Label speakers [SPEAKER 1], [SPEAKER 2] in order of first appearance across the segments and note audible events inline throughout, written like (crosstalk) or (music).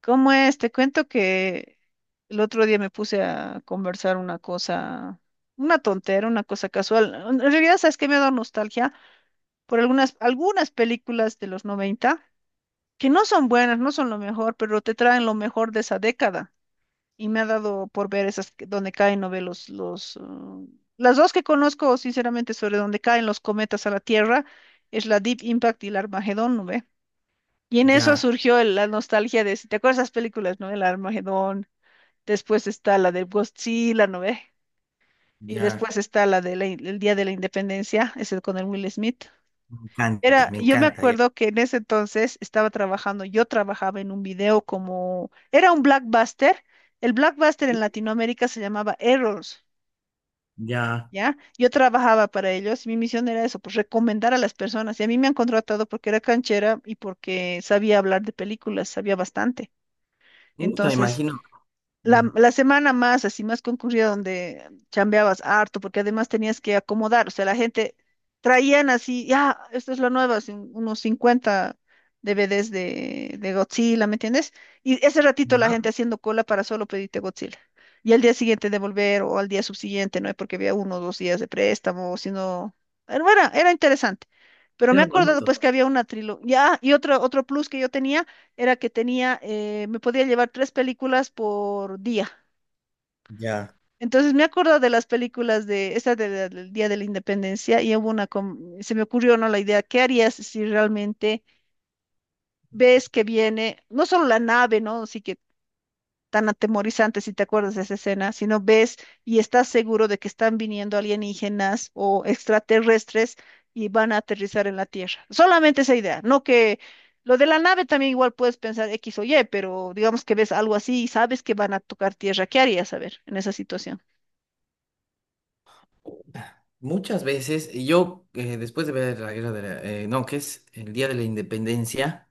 [SPEAKER 1] ¿Cómo es? Te cuento que el otro día me puse a conversar una cosa, una tontera, una cosa casual. En realidad, ¿sabes qué? Me ha dado nostalgia por algunas películas de los 90 que no son buenas, no son lo mejor, pero te traen lo mejor de esa década. Y me ha dado por ver donde caen, no ve los, las dos que conozco, sinceramente, sobre donde caen los cometas a la Tierra, es la Deep Impact y el Armagedón, ¿no ve? Y en eso
[SPEAKER 2] Ya,
[SPEAKER 1] surgió la nostalgia de, si te acuerdas de esas películas, ¿no? El Armagedón. Después está la del Godzilla, ¿no ve? Y
[SPEAKER 2] ya,
[SPEAKER 1] después está la del el Día de la Independencia, ese con el Will Smith.
[SPEAKER 2] me encanta,
[SPEAKER 1] Era,
[SPEAKER 2] me
[SPEAKER 1] yo me
[SPEAKER 2] encanta. Ya,
[SPEAKER 1] acuerdo que en ese entonces estaba trabajando, yo trabajaba en un video como, era un blockbuster. El blockbuster en Latinoamérica se llamaba Errors,
[SPEAKER 2] ya,
[SPEAKER 1] ¿ya? Yo trabajaba para ellos y mi misión era eso, pues recomendar a las personas. Y a mí me han contratado porque era canchera y porque sabía hablar de películas, sabía bastante.
[SPEAKER 2] me
[SPEAKER 1] Entonces,
[SPEAKER 2] imagino,
[SPEAKER 1] La,
[SPEAKER 2] ya,
[SPEAKER 1] la semana más, así más concurrida, donde chambeabas harto, porque además tenías que acomodar, o sea, la gente traían así, ya, esto es lo nuevo, así unos 50 DVDs de Godzilla, ¿me entiendes? Y ese ratito la
[SPEAKER 2] ya,
[SPEAKER 1] gente haciendo cola para solo pedirte Godzilla. Y al día siguiente devolver o al día subsiguiente, ¿no? Porque había uno o dos días de préstamo, sino... Era interesante. Pero me he
[SPEAKER 2] era
[SPEAKER 1] acordado
[SPEAKER 2] bonito,
[SPEAKER 1] pues que había una trilogía, ya, y otro, otro plus que yo tenía era que tenía, me podía llevar tres películas por día.
[SPEAKER 2] ya.
[SPEAKER 1] Entonces me acuerdo de las películas de esta del Día de la Independencia y hubo una, se me ocurrió, ¿no? La idea, ¿qué harías si realmente ves que viene, no solo la nave, ¿no? Así que tan atemorizante, si te acuerdas de esa escena, sino ves y estás seguro de que están viniendo alienígenas o extraterrestres y van a aterrizar en la Tierra. Solamente esa idea, no que lo de la nave también igual puedes pensar X o Y, pero digamos que ves algo así y sabes que van a tocar Tierra. ¿Qué harías, a ver, en esa situación?
[SPEAKER 2] Puta. Muchas veces, y yo después de ver la guerra de la- no, que es el Día de la Independencia.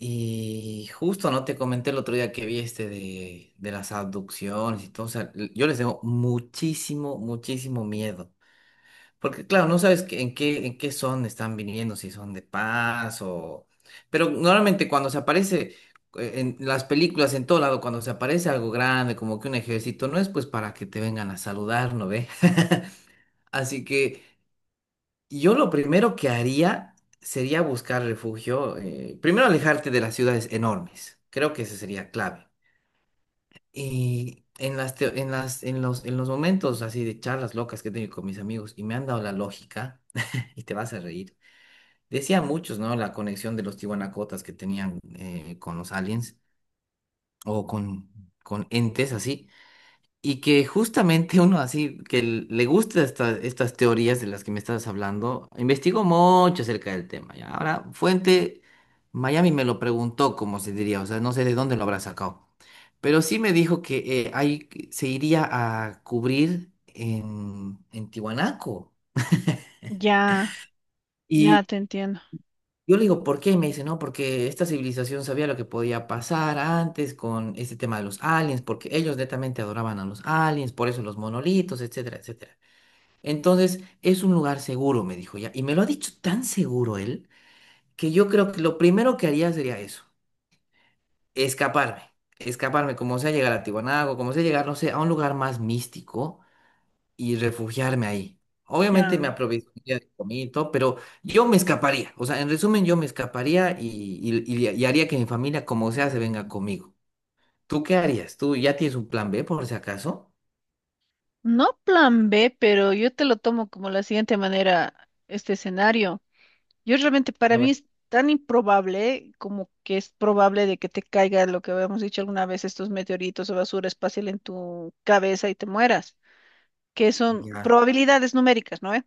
[SPEAKER 2] Y justo no te comenté el otro día que vi este de las abducciones y todo. O sea, l- yo les tengo muchísimo, muchísimo miedo. Porque claro, no sabes en qué son están viniendo, si son de paz o... Pero normalmente cuando se aparece en las películas, en todo lado, cuando se aparece algo grande, como que un ejército, no es pues para que te vengan a saludar, ¿no ve? (laughs) Así que yo lo primero que haría sería buscar refugio, primero alejarte de las ciudades enormes, creo que esa sería clave. Y en las, teo- en las, en los momentos así de charlas locas que he tenido con mis amigos y me han dado la lógica, (laughs) y te vas a reír, decían muchos, ¿no? La conexión de los tiwanacotas que tenían con los aliens o con entes así. Y que justamente uno así, le gusta estas teorías de las que me estabas hablando, investigó mucho acerca del tema. ¿Ya? Ahora, fuente, Miami me lo preguntó, como se diría, o sea, no sé de dónde lo habrá sacado. Pero sí me dijo que ahí se iría a cubrir en Tiwanaku.
[SPEAKER 1] Ya, ya
[SPEAKER 2] Y
[SPEAKER 1] te entiendo.
[SPEAKER 2] yo le digo, ¿por qué? Y me dice, no, porque esta civilización sabía lo que podía pasar antes con este tema de los aliens, porque ellos netamente adoraban a los aliens, por eso los monolitos, etcétera, etcétera. Entonces, es un lugar seguro, me dijo ya. Y me lo ha dicho tan seguro él que yo creo que lo primero que haría sería eso, escaparme, escaparme, como sea llegar a Tiwanago, como sea llegar, no sé, a un lugar más místico y refugiarme ahí. Obviamente me
[SPEAKER 1] Ya.
[SPEAKER 2] aprovecharía de comida y todo, pero yo me escaparía. O sea, en resumen, yo me escaparía y haría que mi familia, como sea, se venga conmigo. ¿Tú qué harías? ¿Tú ya tienes un plan B por si acaso?
[SPEAKER 1] No plan B, pero yo te lo tomo como la siguiente manera, este escenario. Yo realmente para
[SPEAKER 2] A
[SPEAKER 1] mí
[SPEAKER 2] ver.
[SPEAKER 1] es tan improbable como que es probable de que te caiga lo que habíamos dicho alguna vez, estos meteoritos o basura espacial en tu cabeza y te mueras, que son
[SPEAKER 2] Ya,
[SPEAKER 1] probabilidades numéricas, ¿no ve?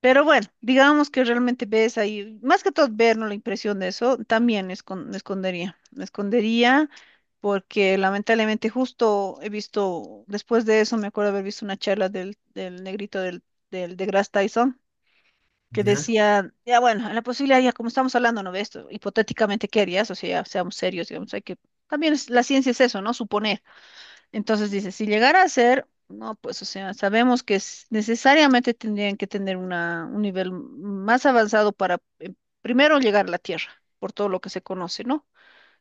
[SPEAKER 1] Pero bueno, digamos que realmente ves ahí, más que todo ver, ¿no? La impresión de eso, también me escondería porque lamentablemente justo he visto, después de eso me acuerdo haber visto una charla del negrito del, de deGrasse Tyson que
[SPEAKER 2] ya.
[SPEAKER 1] decía, ya bueno, la posibilidad, ya como estamos hablando, ¿no? De esto, hipotéticamente, ¿qué harías? O sea, ya seamos serios, digamos, hay que, también la ciencia es eso, ¿no? Suponer. Entonces dice, si llegara a ser, no, pues, o sea, sabemos que necesariamente tendrían que tener una, un nivel más avanzado para primero llegar a la Tierra, por todo lo que se conoce, ¿no?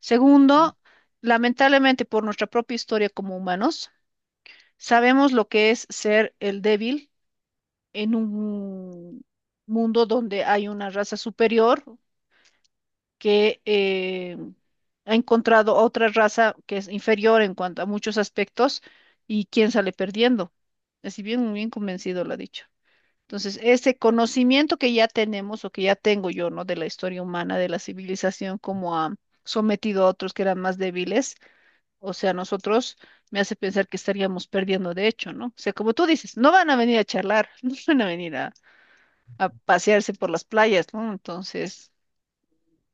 [SPEAKER 1] Segundo, lamentablemente por nuestra propia historia como humanos, sabemos lo que es ser el débil en un mundo donde hay una raza superior que ha encontrado otra raza que es inferior en cuanto a muchos aspectos y quién sale perdiendo. Así bien, bien convencido lo ha dicho. Entonces, ese conocimiento que ya tenemos o que ya tengo yo, ¿no? De la historia humana, de la civilización, como ha sometido a otros que eran más débiles, o sea, nosotros, me hace pensar que estaríamos perdiendo de hecho, ¿no? O sea, como tú dices, no van a venir a charlar, (laughs) no van a venir a pasearse por las playas, ¿no? Entonces,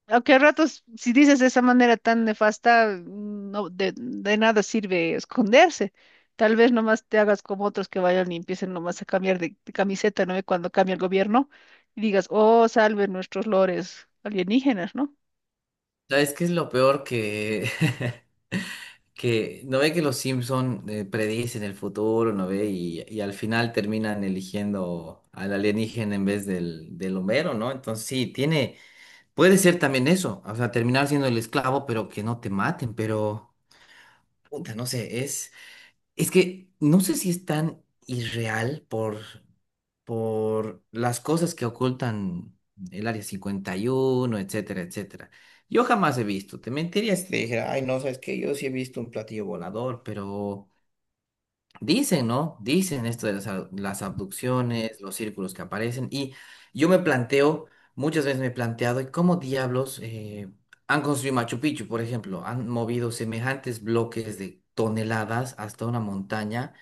[SPEAKER 1] aunque a ratos, si dices de esa manera tan nefasta, no, de nada sirve esconderse. Tal vez nomás te hagas como otros que vayan y empiecen nomás a cambiar de camiseta, ¿no? Y cuando cambia el gobierno y digas, oh, salve nuestros lores alienígenas, ¿no?
[SPEAKER 2] ¿Sabes qué es lo peor que... (laughs) que no ve que los Simpson predicen el futuro, no ve, y al final terminan eligiendo al alienígena en vez del Homero, ¿no? Entonces sí, tiene, puede ser también eso, o sea, terminar siendo el esclavo, pero que no te maten, pero puta, no sé, es que no sé si es tan irreal por las cosas que ocultan el Área 51, etcétera, etcétera. Yo jamás he visto, te mentiría si te dijera, ay, no, sabes que yo sí he visto un platillo volador. Pero dicen, ¿no? Dicen esto de las abducciones, los círculos que aparecen, y yo me planteo, muchas veces me he planteado, ¿y cómo diablos han construido Machu Picchu, por ejemplo? Han movido semejantes bloques de toneladas hasta una montaña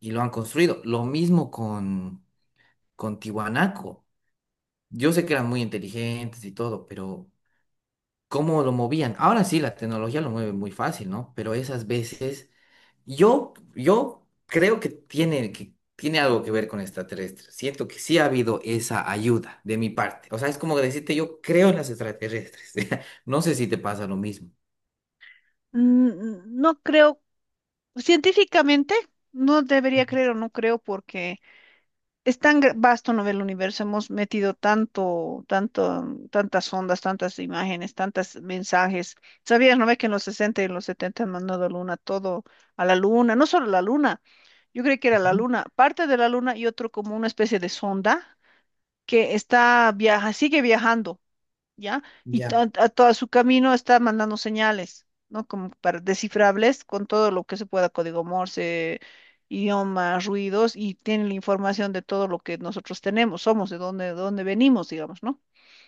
[SPEAKER 2] y lo han construido. Lo mismo con Tiwanaku. Yo sé que eran muy inteligentes y todo, pero ¿cómo lo movían? Ahora sí, la tecnología lo mueve muy fácil, ¿no? Pero esas veces, yo creo que tiene algo que ver con extraterrestres. Siento que sí ha habido esa ayuda de mi parte. O sea, es como decirte, yo creo en las extraterrestres. (laughs) No sé si te pasa lo mismo.
[SPEAKER 1] No creo, científicamente, no debería creer o no creo porque... Es tan vasto, ¿no? El universo, hemos metido tantas ondas, tantas imágenes, tantos mensajes. ¿Sabías, no ve que en los 60 y en los 70 han mandado a luna todo a la luna? No solo la luna, yo creí que era la
[SPEAKER 2] Ujú.
[SPEAKER 1] luna, parte de la luna y otro como una especie de sonda que está viaja, sigue viajando. ¿Ya? Y
[SPEAKER 2] Ya,
[SPEAKER 1] a todo su camino está mandando señales, ¿no? Como para descifrables con todo lo que se pueda, código Morse, idiomas, ruidos, y tiene la información de todo lo que nosotros tenemos, somos, de dónde venimos, digamos, ¿no?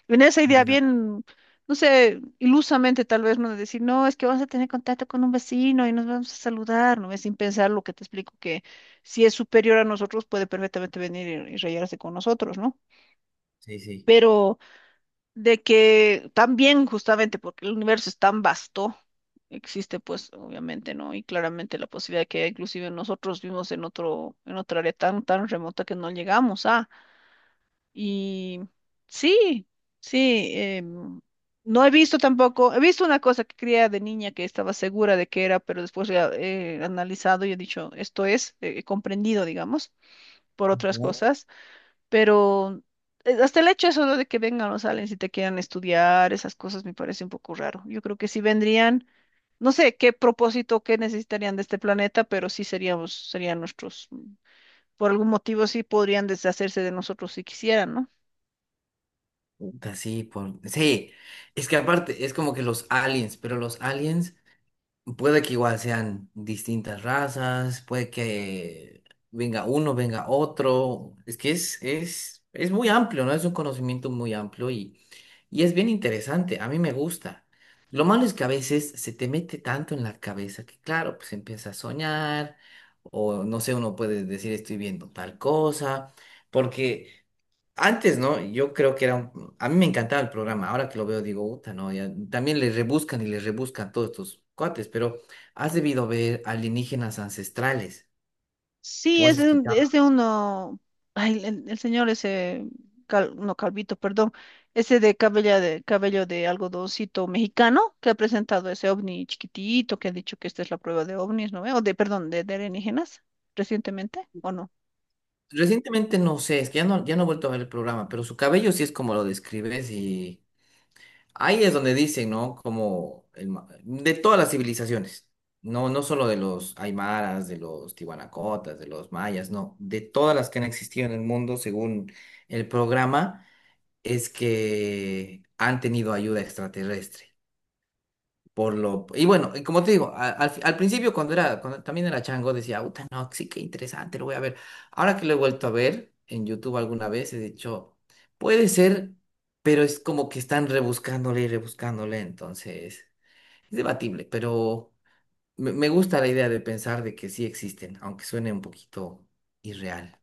[SPEAKER 1] En esa idea
[SPEAKER 2] ya,
[SPEAKER 1] bien, no sé, ilusamente tal vez, ¿no? De decir, no, es que vamos a tener contacto con un vecino y nos vamos a saludar, ¿no? Es sin pensar lo que te explico, que si es superior a nosotros, puede perfectamente venir y rayarse con nosotros, ¿no?
[SPEAKER 2] sí, sí.
[SPEAKER 1] Pero de que también justamente porque el universo es tan vasto, existe pues obviamente, ¿no? Y claramente la posibilidad de que inclusive nosotros vivimos en otro, en otra área tan, tan remota que no llegamos a. Y sí, sí, no he visto tampoco, he visto una cosa que creía de niña que estaba segura de que era, pero después la he analizado y he dicho, esto es, he comprendido, digamos, por otras
[SPEAKER 2] Ujú.
[SPEAKER 1] cosas. Pero hasta el hecho eso, ¿no? De que vengan los aliens y te quieran estudiar, esas cosas me parece un poco raro. Yo creo que si vendrían, no sé qué propósito, qué necesitarían de este planeta, pero sí seríamos, serían nuestros, por algún motivo sí podrían deshacerse de nosotros si quisieran, ¿no?
[SPEAKER 2] Puta, sí, por... sí, es que aparte es como que los aliens, pero los aliens puede que igual sean distintas razas, puede que venga uno, venga otro. Es que es muy amplio, ¿no? Es un conocimiento muy amplio y es bien interesante. A mí me gusta. Lo malo es que a veces se te mete tanto en la cabeza que, claro, pues empieza a soñar o no sé, uno puede decir estoy viendo tal cosa, porque antes, ¿no? Yo creo que era un... A mí me encantaba el programa. Ahora que lo veo, digo, puta, no, ya... También le rebuscan y le rebuscan todos estos cuates, pero has debido ver alienígenas ancestrales.
[SPEAKER 1] Sí,
[SPEAKER 2] ¿O has
[SPEAKER 1] es de,
[SPEAKER 2] escuchado?
[SPEAKER 1] es de uno, ay, el señor ese, no Calvito, perdón, ese de cabello de, cabello de algodoncito mexicano que ha presentado ese ovni chiquitito que ha dicho que esta es la prueba de ovnis, ¿no ve? O de, perdón, de alienígenas recientemente, ¿o no?
[SPEAKER 2] Recientemente no sé, es que ya no, ya no he vuelto a ver el programa, pero su cabello sí es como lo describes y ahí es donde dicen, ¿no? Como el ma- de todas las civilizaciones, no, no solo de los aymaras, de los tiwanacotas, de los mayas, no, de todas las que han existido en el mundo según el programa es que han tenido ayuda extraterrestre. Por lo, y bueno, y como te digo, al principio cuando cuando también era chango, decía, uta, no, sí, qué interesante, lo voy a ver. Ahora que lo he vuelto a ver en YouTube alguna vez, he dicho, puede ser, pero es como que están rebuscándole y rebuscándole, entonces es debatible, pero me gusta la idea de pensar de que sí existen, aunque suene un poquito irreal.